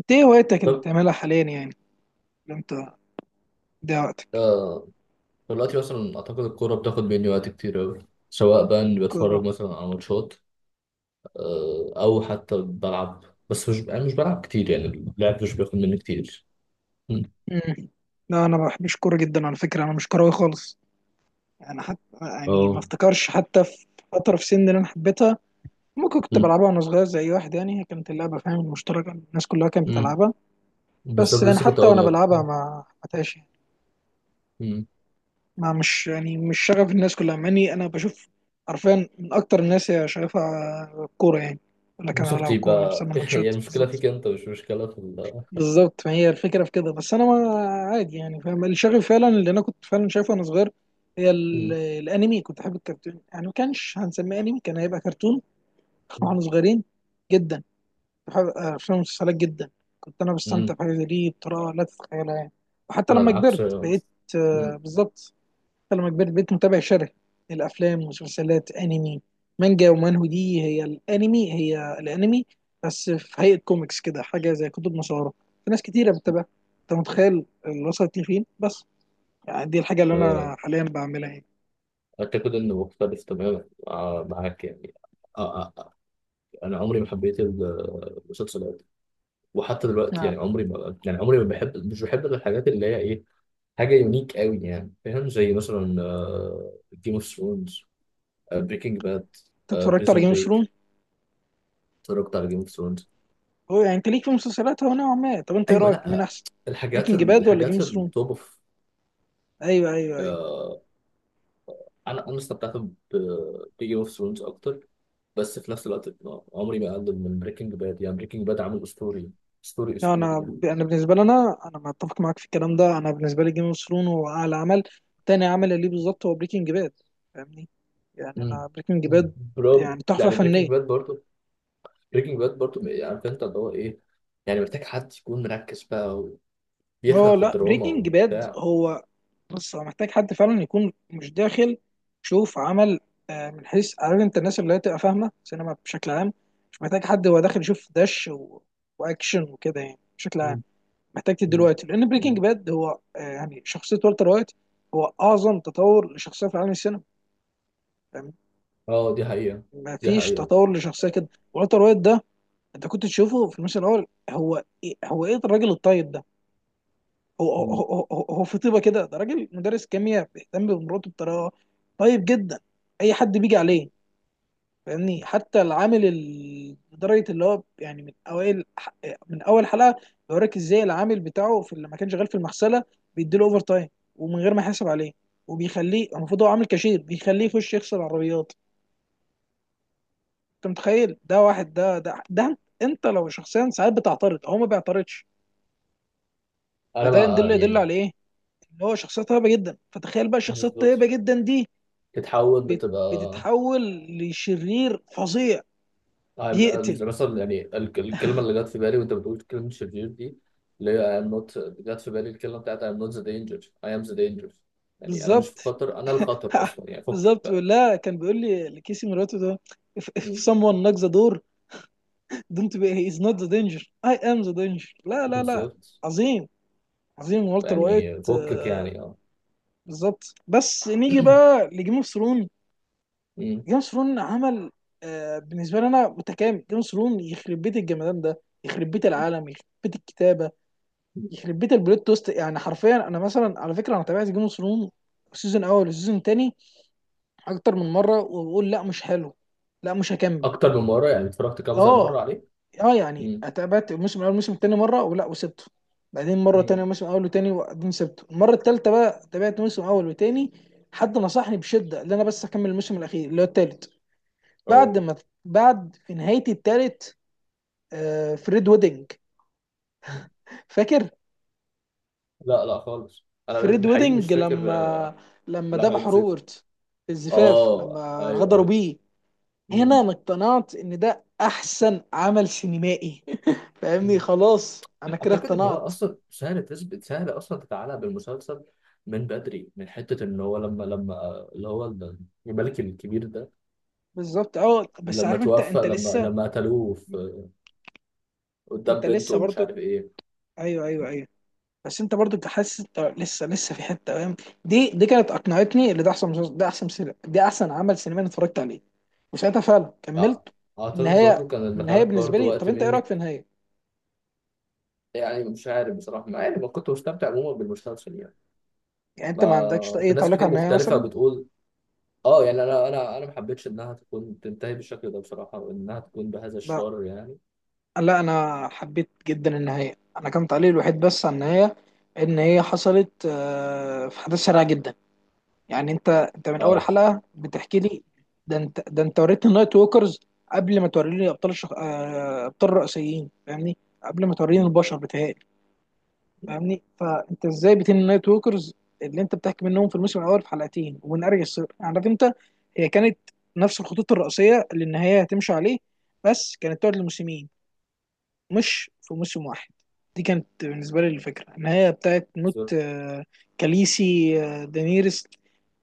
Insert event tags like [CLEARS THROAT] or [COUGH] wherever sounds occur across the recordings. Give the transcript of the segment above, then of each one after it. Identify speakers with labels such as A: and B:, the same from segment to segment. A: انت ايه هوايتك اللي
B: طب،
A: بتعملها حاليا يعني، اللي انت بتضيع وقتك؟
B: آه، دلوقتي مثلا أعتقد الكورة بتاخد مني وقت كتير أوي، سواء بقى إني بتفرج
A: كورة.
B: مثلا على ماتشات، آه، أو حتى بلعب. بس مش أنا مش بلعب كتير يعني، اللعب مش بياخد مني كتير. مم.
A: مم. لا، انا ما بحبش كورة جدا على فكرة، انا مش كروي خالص. يعني حتى يعني ما
B: أه.
A: افتكرش حتى في فترة في سن اللي انا حبيتها ممكن كنت
B: مم.
A: بلعبها وانا صغير زي أي واحد يعني. هي كانت اللعبة، فاهم، مشتركة، الناس كلها كانت
B: مم.
A: بتلعبها. بس
B: بالظبط،
A: يعني
B: لسه كنت
A: حتى
B: أقول
A: وانا
B: لك.
A: بلعبها ما حبيتهاش يعني.
B: مم.
A: ما مش يعني مش شغف الناس كلها، مع اني انا بشوف حرفيا من اكتر الناس هي شغفها الكورة يعني، ولا كان على
B: بالظبط،
A: الكورة انا
B: يبقى
A: بسمع
B: [LAUGHS] هي
A: ماتشات
B: المشكلة
A: بالظبط.
B: فيك أنت، مش مشكلة في ال
A: بالظبط ما هي الفكره في كده، بس انا ما، عادي يعني، فاهم. اللي شغف فعلا اللي انا كنت فعلا شايفه وانا صغير هي
B: مم.
A: الانمي. كنت احب الكرتون يعني، ما كانش هنسميه انمي، كان هيبقى كرتون [LAUGHS]
B: مم.
A: واحنا صغيرين جدا. بحب افلام المسلسلات جدا، كنت انا بستمتع
B: مم.
A: بحاجه زي دي بطريقه لا تتخيلها يعني. وحتى
B: أنا
A: لما
B: العكس.
A: كبرت بقيت، آه،
B: مم.
A: بالظبط. حتى لما كبرت بقيت متابع شره الافلام ومسلسلات انمي، مانجا ومانهو، دي هي الانمي، هي الانمي بس في هيئه كوميكس كده، حاجه زي كتب مصوره. في ناس كتيره بتتابعها. انت متخيل اللي وصلت لي فين بس؟ يعني دي الحاجه اللي
B: آه،
A: انا حاليا بعملها يعني.
B: أعتقد إنه مختلف تماما، آه، معاك يعني. آه. آه. آه. أنا عمري ما حبيت المسلسلات، وحتى دلوقتي
A: آه.
B: يعني عمري ما بحب مش بحب الحاجات اللي هي ايه، حاجه يونيك قوي يعني، فاهم؟ زي مثلا جيم اوف ثرونز، بريكنج باد،
A: انت اتفرجت على
B: بريزون
A: جيم اوف
B: بريك.
A: ثرون؟
B: اتفرجت على جيم اوف ثرونز.
A: هو يعني انت ليك في المسلسلات، هو نوعا ما. طب انت ايه
B: ايوه.
A: رايك، مين
B: لا،
A: احسن،
B: الحاجات
A: بريكنج باد ولا جيم اوف ثرون؟
B: التوب اوف.
A: ايوه، ايوه، أيوه.
B: انا استمتعت بجيم اوف ثرونز اكتر، بس في نفس الوقت عمري ما اقلل من بريكنج باد. يعني بريكنج باد عامل اسطوري، اسطوري
A: لا،
B: اسطوري
A: انا
B: يعني.
A: انا بالنسبه لي انا متفق معاك في الكلام ده. انا بالنسبه لي جيم اوف ثرون هو اعلى عمل، تاني عمل ليه بالظبط هو بريكنج باد. فاهمني. يعني
B: مم.
A: انا بريكنج باد
B: برو
A: يعني تحفه
B: يعني،
A: فنيه.
B: بريكنج باد برضو عارف انت اللي هو ايه، يعني محتاج حد يكون مركز بقى وبيفهم
A: اه
B: في
A: لا،
B: الدراما
A: بريكنج باد
B: وبتاع.
A: هو، بص، هو محتاج حد فعلا يكون مش داخل. شوف عمل، من حيث، عارف انت، الناس اللي هي تبقى فاهمه سينما بشكل عام. مش محتاج حد هو داخل يشوف دش و... واكشن وكده، يعني بشكل عام.
B: مم.
A: محتاج تديله
B: مم.
A: وقت، لان بريكنج
B: مم.
A: باد هو، يعني شخصيه والتر وايت هو اعظم تطور لشخصيه في عالم السينما، فاهم؟
B: اه، دي حقيقة.
A: ما
B: دي
A: فيش
B: حقيقة.
A: تطور لشخصيه كده والتر وايت ده. انت كنت تشوفه في الموسم الاول، هو ايه الراجل الطيب ده؟ هو هو,
B: مم.
A: هو, هو هو في طيبه كده، ده راجل مدرس كيمياء بيهتم بمراته بطريقه طيب جدا، اي حد بيجي عليه، فاهمني. حتى العامل لدرجه اللي هو، يعني من اوائل، من اول حلقه بيوريك ازاي العامل بتاعه لما كان شغال في المغسله بيديله اوفر تايم ومن غير ما يحاسب عليه، وبيخليه، المفروض هو عامل كاشير، بيخليه يخش يغسل عربيات. انت متخيل ده واحد؟ ده انت لو شخصيا ساعات بتعترض، هو ما بيعترضش.
B: انا
A: فده يدل
B: بقى
A: يدل
B: يعني،
A: على ايه؟ ان هو شخصيه طيبه جدا. فتخيل بقى الشخصيه
B: بالظبط،
A: الطيبه جدا دي
B: تتحول لتبقى
A: بتتحول لشرير فظيع، بيقتل.
B: مثلا يعني الكلمة اللي جت في بالي وانت بتقول كلمة شرير دي، اللي هي I'm not جت في بالي الكلمة بتاعت I'm not the danger, I am the danger. يعني انا مش في
A: بالظبط.
B: خطر، انا الخطر
A: [LAUGHS]
B: اصلا يعني، فكك
A: بالظبط.
B: بقى.
A: لا، كان بيقول لي لكيسي مراته ده، if
B: مم.
A: someone knocks the door, don't be، he is not the danger، I am the danger. لا لا لا.
B: بالظبط.
A: عظيم. عظيم والتر وايت.
B: يعني فكك يعني، اه.
A: بالظبط. بس نيجي
B: [CLEARS THROAT]
A: بقى لجيم اوف ثرون.
B: مم.
A: جيم اوف ثرون عمل، بالنسبه لي، انا متكامل. جيم اوف ثرون يخرب بيت الجمدان ده، يخرب بيت العالم، يخرب بيت الكتابه، يخرب بيت البلوت توست يعني حرفيا. انا مثلا على فكره انا تابعت جيم اوف ثرون سيزون اول وسيزون تاني اكتر من مره، وبقول لا، مش حلو، لا، مش هكمل.
B: اكتر من مره؟ يعني اتفرجت كذا مره
A: اه،
B: عليه؟
A: اه، يعني
B: امم.
A: اتقابلت الموسم الاول الموسم التاني مره ولا وسبته، بعدين مره تانية
B: امم.
A: موسم اول وتاني، وبعدين سبته المره التالتة، بقى تابعت موسم اول وتاني. حد نصحني بشده ان انا بس اكمل الموسم الاخير اللي هو التالت.
B: اه،
A: بعد ما بعد في نهايه التالت، آه، فريد ويدنج، فاكر؟
B: لا، لا خالص، انا
A: فريد
B: بحقيقي مش
A: ويدنج،
B: فاكر، آه.
A: لما
B: لا، حاجه
A: ذبح
B: بسيطه.
A: روبرت في الزفاف،
B: اه،
A: لما
B: ايوه
A: غدروا
B: ايوه.
A: بيه. هنا
B: امم.
A: انا اقتنعت ان ده احسن عمل سينمائي [LAUGHS] فاهمني،
B: أمم.
A: خلاص انا كده
B: اعتقد ان هو
A: اقتنعت.
B: اصلا سهل تثبت، سهل اصلا تتعلق بالمسلسل من بدري، من حته ان هو لما اللي هو الملك الكبير ده،
A: بالظبط، اه بس،
B: لما
A: عارف انت
B: توفى،
A: انت
B: لما
A: لسه،
B: لما قتلوه قدام
A: انت
B: بنته
A: لسه
B: ومش
A: برضو.
B: عارف ايه.
A: ايوه، ايوه، ايوه. بس انت برضو حاسس انت لسه في حته، فاهم؟ دي كانت اقنعتني اللي ده احسن مسلسل، ده احسن سينما، دي احسن عمل سينمائي أنا اتفرجت عليه، وساعتها فعلا
B: آه،
A: كملت.
B: اعتقد برضو
A: النهايه.
B: كان اللي
A: النهايه
B: خد
A: بالنسبه
B: برضو
A: لي، طب
B: وقت
A: انت ايه رايك
B: منك.
A: في النهايه؟
B: يعني مش عارف بصراحه، مع اني ما كنت مستمتع عموما بالمسلسل يعني.
A: يعني انت ما عندكش
B: ما
A: اي
B: كان ناس
A: تعليق
B: كتير
A: على النهايه
B: مختلفة
A: مثلا؟
B: بتقول. اه يعني انا ما حبيتش انها تكون تنتهي بالشكل ده بصراحة، وانها تكون بهذا
A: لا
B: الشر يعني.
A: لا، انا حبيت جدا النهايه. انا كان تعليقي الوحيد بس على النهايه ان هي حصلت، في حدث سريع جدا. يعني انت من اول
B: اه.
A: حلقه بتحكي لي، ده انت وريتني النايت ووكرز قبل ما توريني ابطال الشخ... آه، ابطال الرئيسيين، فاهمني، قبل ما توريني
B: م-
A: البشر بتهيألي.
B: م-
A: فاهمني، فانت ازاي بتني النايت ووكرز اللي انت بتحكي منهم في الموسم الاول في حلقتين ومن ارجل السر يعني، عارف انت. هي كانت نفس الخطوط الرئيسيه اللي النهايه هتمشي عليه، بس كانت تقعد لموسمين، مش في موسم واحد. دي كانت بالنسبه لي الفكره، النهايه بتاعت موت،
B: بالظبط.
A: كاليسي، دانيرس.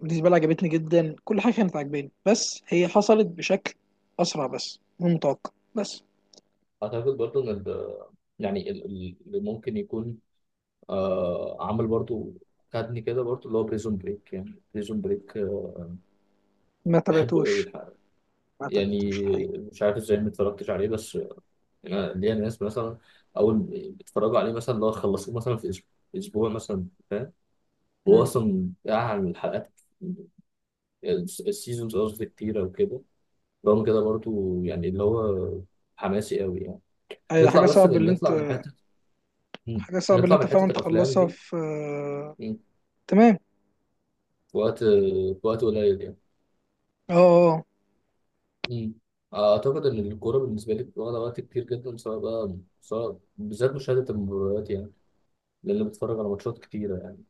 A: بالنسبه لي عجبتني جدا، كل حاجه كانت عاجباني، بس هي حصلت بشكل اسرع بس من متوقع بس.
B: اعتقد برضو ان يعني اللي ممكن يكون، آه، عامل برضو، خدني كده برضو اللي هو بريزون بريك. يعني بريزون بريك
A: ما
B: بحبه قوي
A: تابعتوش
B: الحقيقة.
A: ما
B: يعني
A: تابعتوش الحقيقه.
B: مش عارف ازاي ما اتفرجتش عليه، بس انا ليا ناس مثلا اول ما بيتفرجوا عليه مثلا، لو خلصوه مثلا في اسبوع، اسبوع مثلا، فاهم؟ هو
A: امم.
B: اصلا قاعد على الحلقات، السيزونز قصدي، كتير او كده. رغم كده برضو يعني اللي هو حماسي قوي يعني.
A: ايوه، حاجه صعب اللي انت
B: نطلع من حته، مم،
A: حاجه صعب اللي
B: نطلع
A: انت
B: من حته
A: فعلا
B: الافلام
A: تخلصها
B: دي،
A: في،
B: مم،
A: تمام.
B: في وقت قليل يعني.
A: اه، اه، أه.
B: مم. اعتقد ان الكوره بالنسبه لي واخده وقت كتير جدا، سواء بالذات مشاهده المباريات يعني، لان بتفرج على ماتشات كتيره يعني.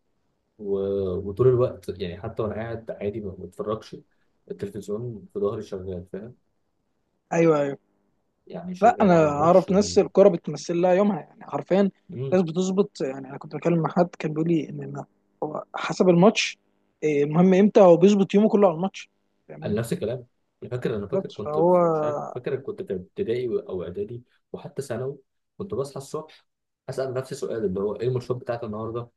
B: و... وطول الوقت يعني، حتى وانا قاعد عادي ما بتفرجش، التلفزيون في ظهري شغال، فاهم؟
A: ايوه، ايوه،
B: يعني
A: لا،
B: شغال
A: انا
B: على ماتش
A: اعرف
B: و...
A: ناس الكوره بتمثل لها يومها يعني حرفيا. ناس
B: مم.
A: بتظبط، يعني انا كنت بكلم مع حد كان بيقول لي إن حسب الماتش، المهم امتى هو بيظبط يومه كله على الماتش،
B: انا
A: فاهمني.
B: نفس الكلام. انا فاكر
A: بالظبط،
B: كنت
A: فهو،
B: في، مش عارف، فاكر كنت في ابتدائي او اعدادي وحتى ثانوي، كنت بصحى الصبح اسال نفسي سؤال اللي هو ايه الماتشات بتاعت النهارده،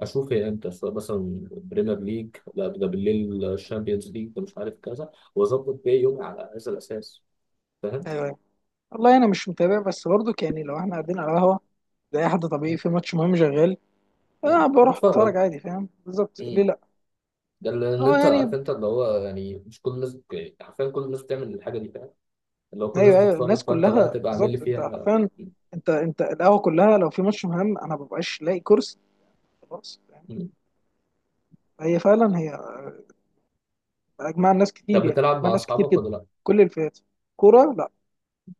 B: اشوف هي امتى، سواء مثلا بريمير ليج لا ده بالليل، الشامبيونز ليج ده مش عارف كذا، واظبط بيه يومي على هذا الاساس، فاهم؟
A: والله انا مش متابع بس برضك يعني، لو احنا قاعدين على قهوه، ده اي حد طبيعي
B: مم.
A: في ماتش مهم شغال، اه
B: مم.
A: بروح اتفرج
B: هتتفرج.
A: عادي، فاهم، بالظبط، ليه
B: مم.
A: لا.
B: ده اللي ان
A: اه
B: انت عارف
A: يعني،
B: انت اللي هو يعني، مش كل الناس، يعني حرفيا كل الناس بتعمل الحاجه دي، فاهم؟ اللي هو كل الناس
A: ايوه، ايوه، الناس
B: بتتفرج، فانت بقى
A: كلها
B: تبقى عامل لي
A: بالظبط. انت
B: فيها.
A: حرفيا، انت القهوه كلها، لو في ماتش مهم انا مببقاش لاقي كرسي، خلاص، فاهم؟
B: مم.
A: هي فعلا، هي اجمع ناس كتير
B: طب
A: يعني،
B: بتلعب
A: اجمع
B: مع
A: ناس كتير
B: اصحابك
A: جدا،
B: ولا لا؟
A: كل الفئات. كوره؟ لا،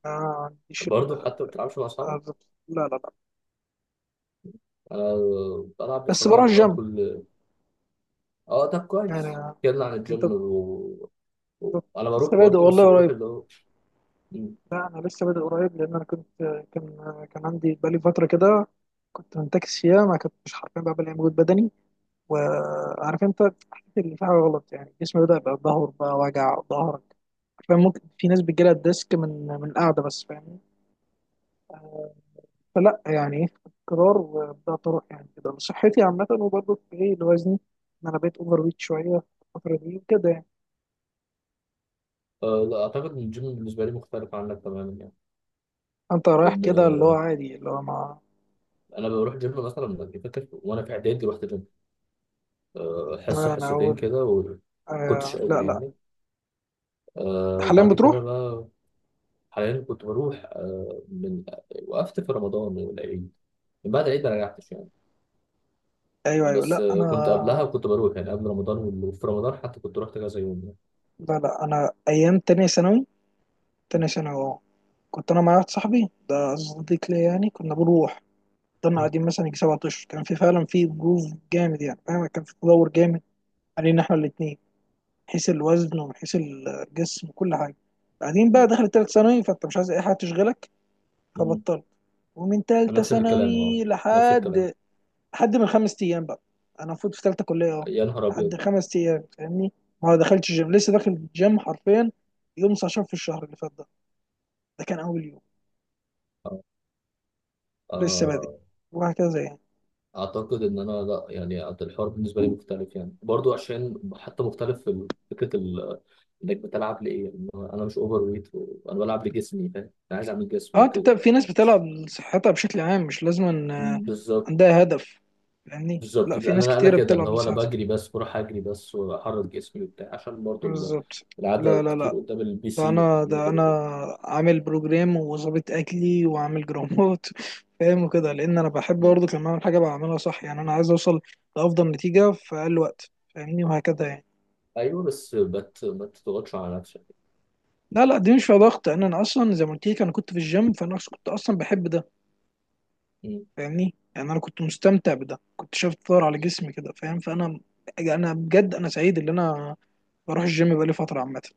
A: ما عنديش
B: برضه حتى ما بتلعبش مع اصحابك؟
A: بالظبط. لا لا لا،
B: انا بلعب، بس
A: بس بروح
B: بلعب اللي هو
A: الجيم.
B: كل، اه طب كويس،
A: يعني
B: اتكلم عن
A: انت،
B: الجيم و... و...
A: بالظبط.
B: انا بروح
A: لسه بادئ
B: برضه، بس
A: والله،
B: بروح
A: قريب.
B: اللي هو، مم،
A: لا، انا لسه بادئ قريب لان انا كنت، كان كان عندي بقالي فتره كده كنت منتكس فيها، ما كنتش حرفيا بقى بلاقي مجهود بدني. وعارف انت، حسيت ان في حاجه غلط يعني، جسمي بدا يبقى، ظهر بقى وجع ظهرك حرفيا، ممكن في ناس بتجيلها الديسك من القعده بس، فاهمني. فلا يعني ايه، قرار وبدات اروح، يعني كده لصحتي عامه، وبرضه في ايه لوزني، ان انا بقيت اوفر ويت شويه الفتره دي وكده يعني.
B: آه، لا اعتقد ان الجيم بالنسبه لي مختلف عنك تماما يعني،
A: انت رايح
B: ان
A: كده اللي هو عادي، اللي هو ما،
B: انا بروح جيم. مثلا فاكر وانا في اعدادي رحت جيم، آه، حصه
A: ما انا
B: حصتين
A: اقول.
B: كده، وكنتش
A: آه
B: قادر
A: لا لا،
B: يعني. آه،
A: حاليا
B: بعد كده
A: بتروح.
B: بقى حاليا كنت بروح، آه، وقفت في رمضان والعيد، من بعد العيد ما رجعتش يعني.
A: ايوه، ايوه،
B: بس
A: لا
B: آه، كنت قبلها
A: انا،
B: وكنت بروح يعني قبل رمضان وال- وفي رمضان حتى كنت رحت كذا يوم يعني.
A: لا لا. انا ايام تانية ثانوي،
B: م-
A: تانية ثانوي، اه. كنت انا مع واحد صاحبي ده، صديق ليا يعني، كنا بنروح. فضلنا
B: م-
A: قاعدين مثلا يجي 7 اشهر، كان في فعلا في جروف جامد يعني، فاهم، كان في تدور جامد علينا احنا الاتنين من حيث الوزن ومن حيث الجسم وكل حاجه. بعدين
B: م-
A: بقى دخلت تالتة ثانوي، فانت مش عايز اي حاجه تشغلك،
B: م.
A: فبطلت. ومن تالتة
B: نفس الكلام، اه،
A: ثانوي
B: نفس الكلام.
A: لحد من 5 ايام بقى، انا المفروض في ثالثه كليه اهو.
B: يا نهار
A: لحد
B: ابيض.
A: 5 ايام فاهمني، ما دخلتش جيم. لسه داخل الجيم حرفيا يوم 19 في الشهر اللي فات ده، ده كان اول يوم.
B: آه.
A: لسه بادئ
B: آه،
A: وهكذا يعني.
B: اعتقد ان انا لا يعني، الحوار بالنسبه لي مختلف يعني برضو، عشان حتى مختلف في فكره انك بتلعب لايه يعني، انا مش اوفر ويت وانا بلعب لجسمي، فاهم؟ انا عايز اعمل جسم
A: اه، انت
B: وكده.
A: في ناس بتلعب لصحتها بشكل عام، مش لازم أن،
B: بالظبط.
A: عندها هدف، فاهمني.
B: بالظبط،
A: لا، في ناس
B: انا
A: كتيره
B: كده اللي
A: بتلعب
B: هو، انا
A: لصحتها،
B: بجري، بس بروح اجري بس واحرك جسمي وبتاع، عشان برضو
A: بالظبط. لا
B: القعده
A: لا
B: كتير
A: لا،
B: قدام البي
A: ده
B: سي
A: انا ده
B: والكمبيوتر
A: انا
B: وكده.
A: عامل بروجرام وظابط اكلي وعامل جرامات [LAUGHS] فاهم؟ وكده، لان انا بحب
B: مم.
A: برضه لما اعمل حاجه بعملها صح يعني، انا عايز اوصل لافضل نتيجه في اقل وقت، فاهمني، وهكذا يعني.
B: ايوه بس ما تضغطش على نفسك.
A: لا لا، دي مش فيها ضغط، انا اصلا زي ما قلت لك، انا كنت في الجيم فانا أصلاً، كنت اصلا بحب ده، فاهمني يعني. انا كنت مستمتع بده، كنت شايف تطور على جسمي كده، فاهم؟ فانا يعني، انا بجد انا سعيد ان انا بروح الجيم بقالي فتره عامه.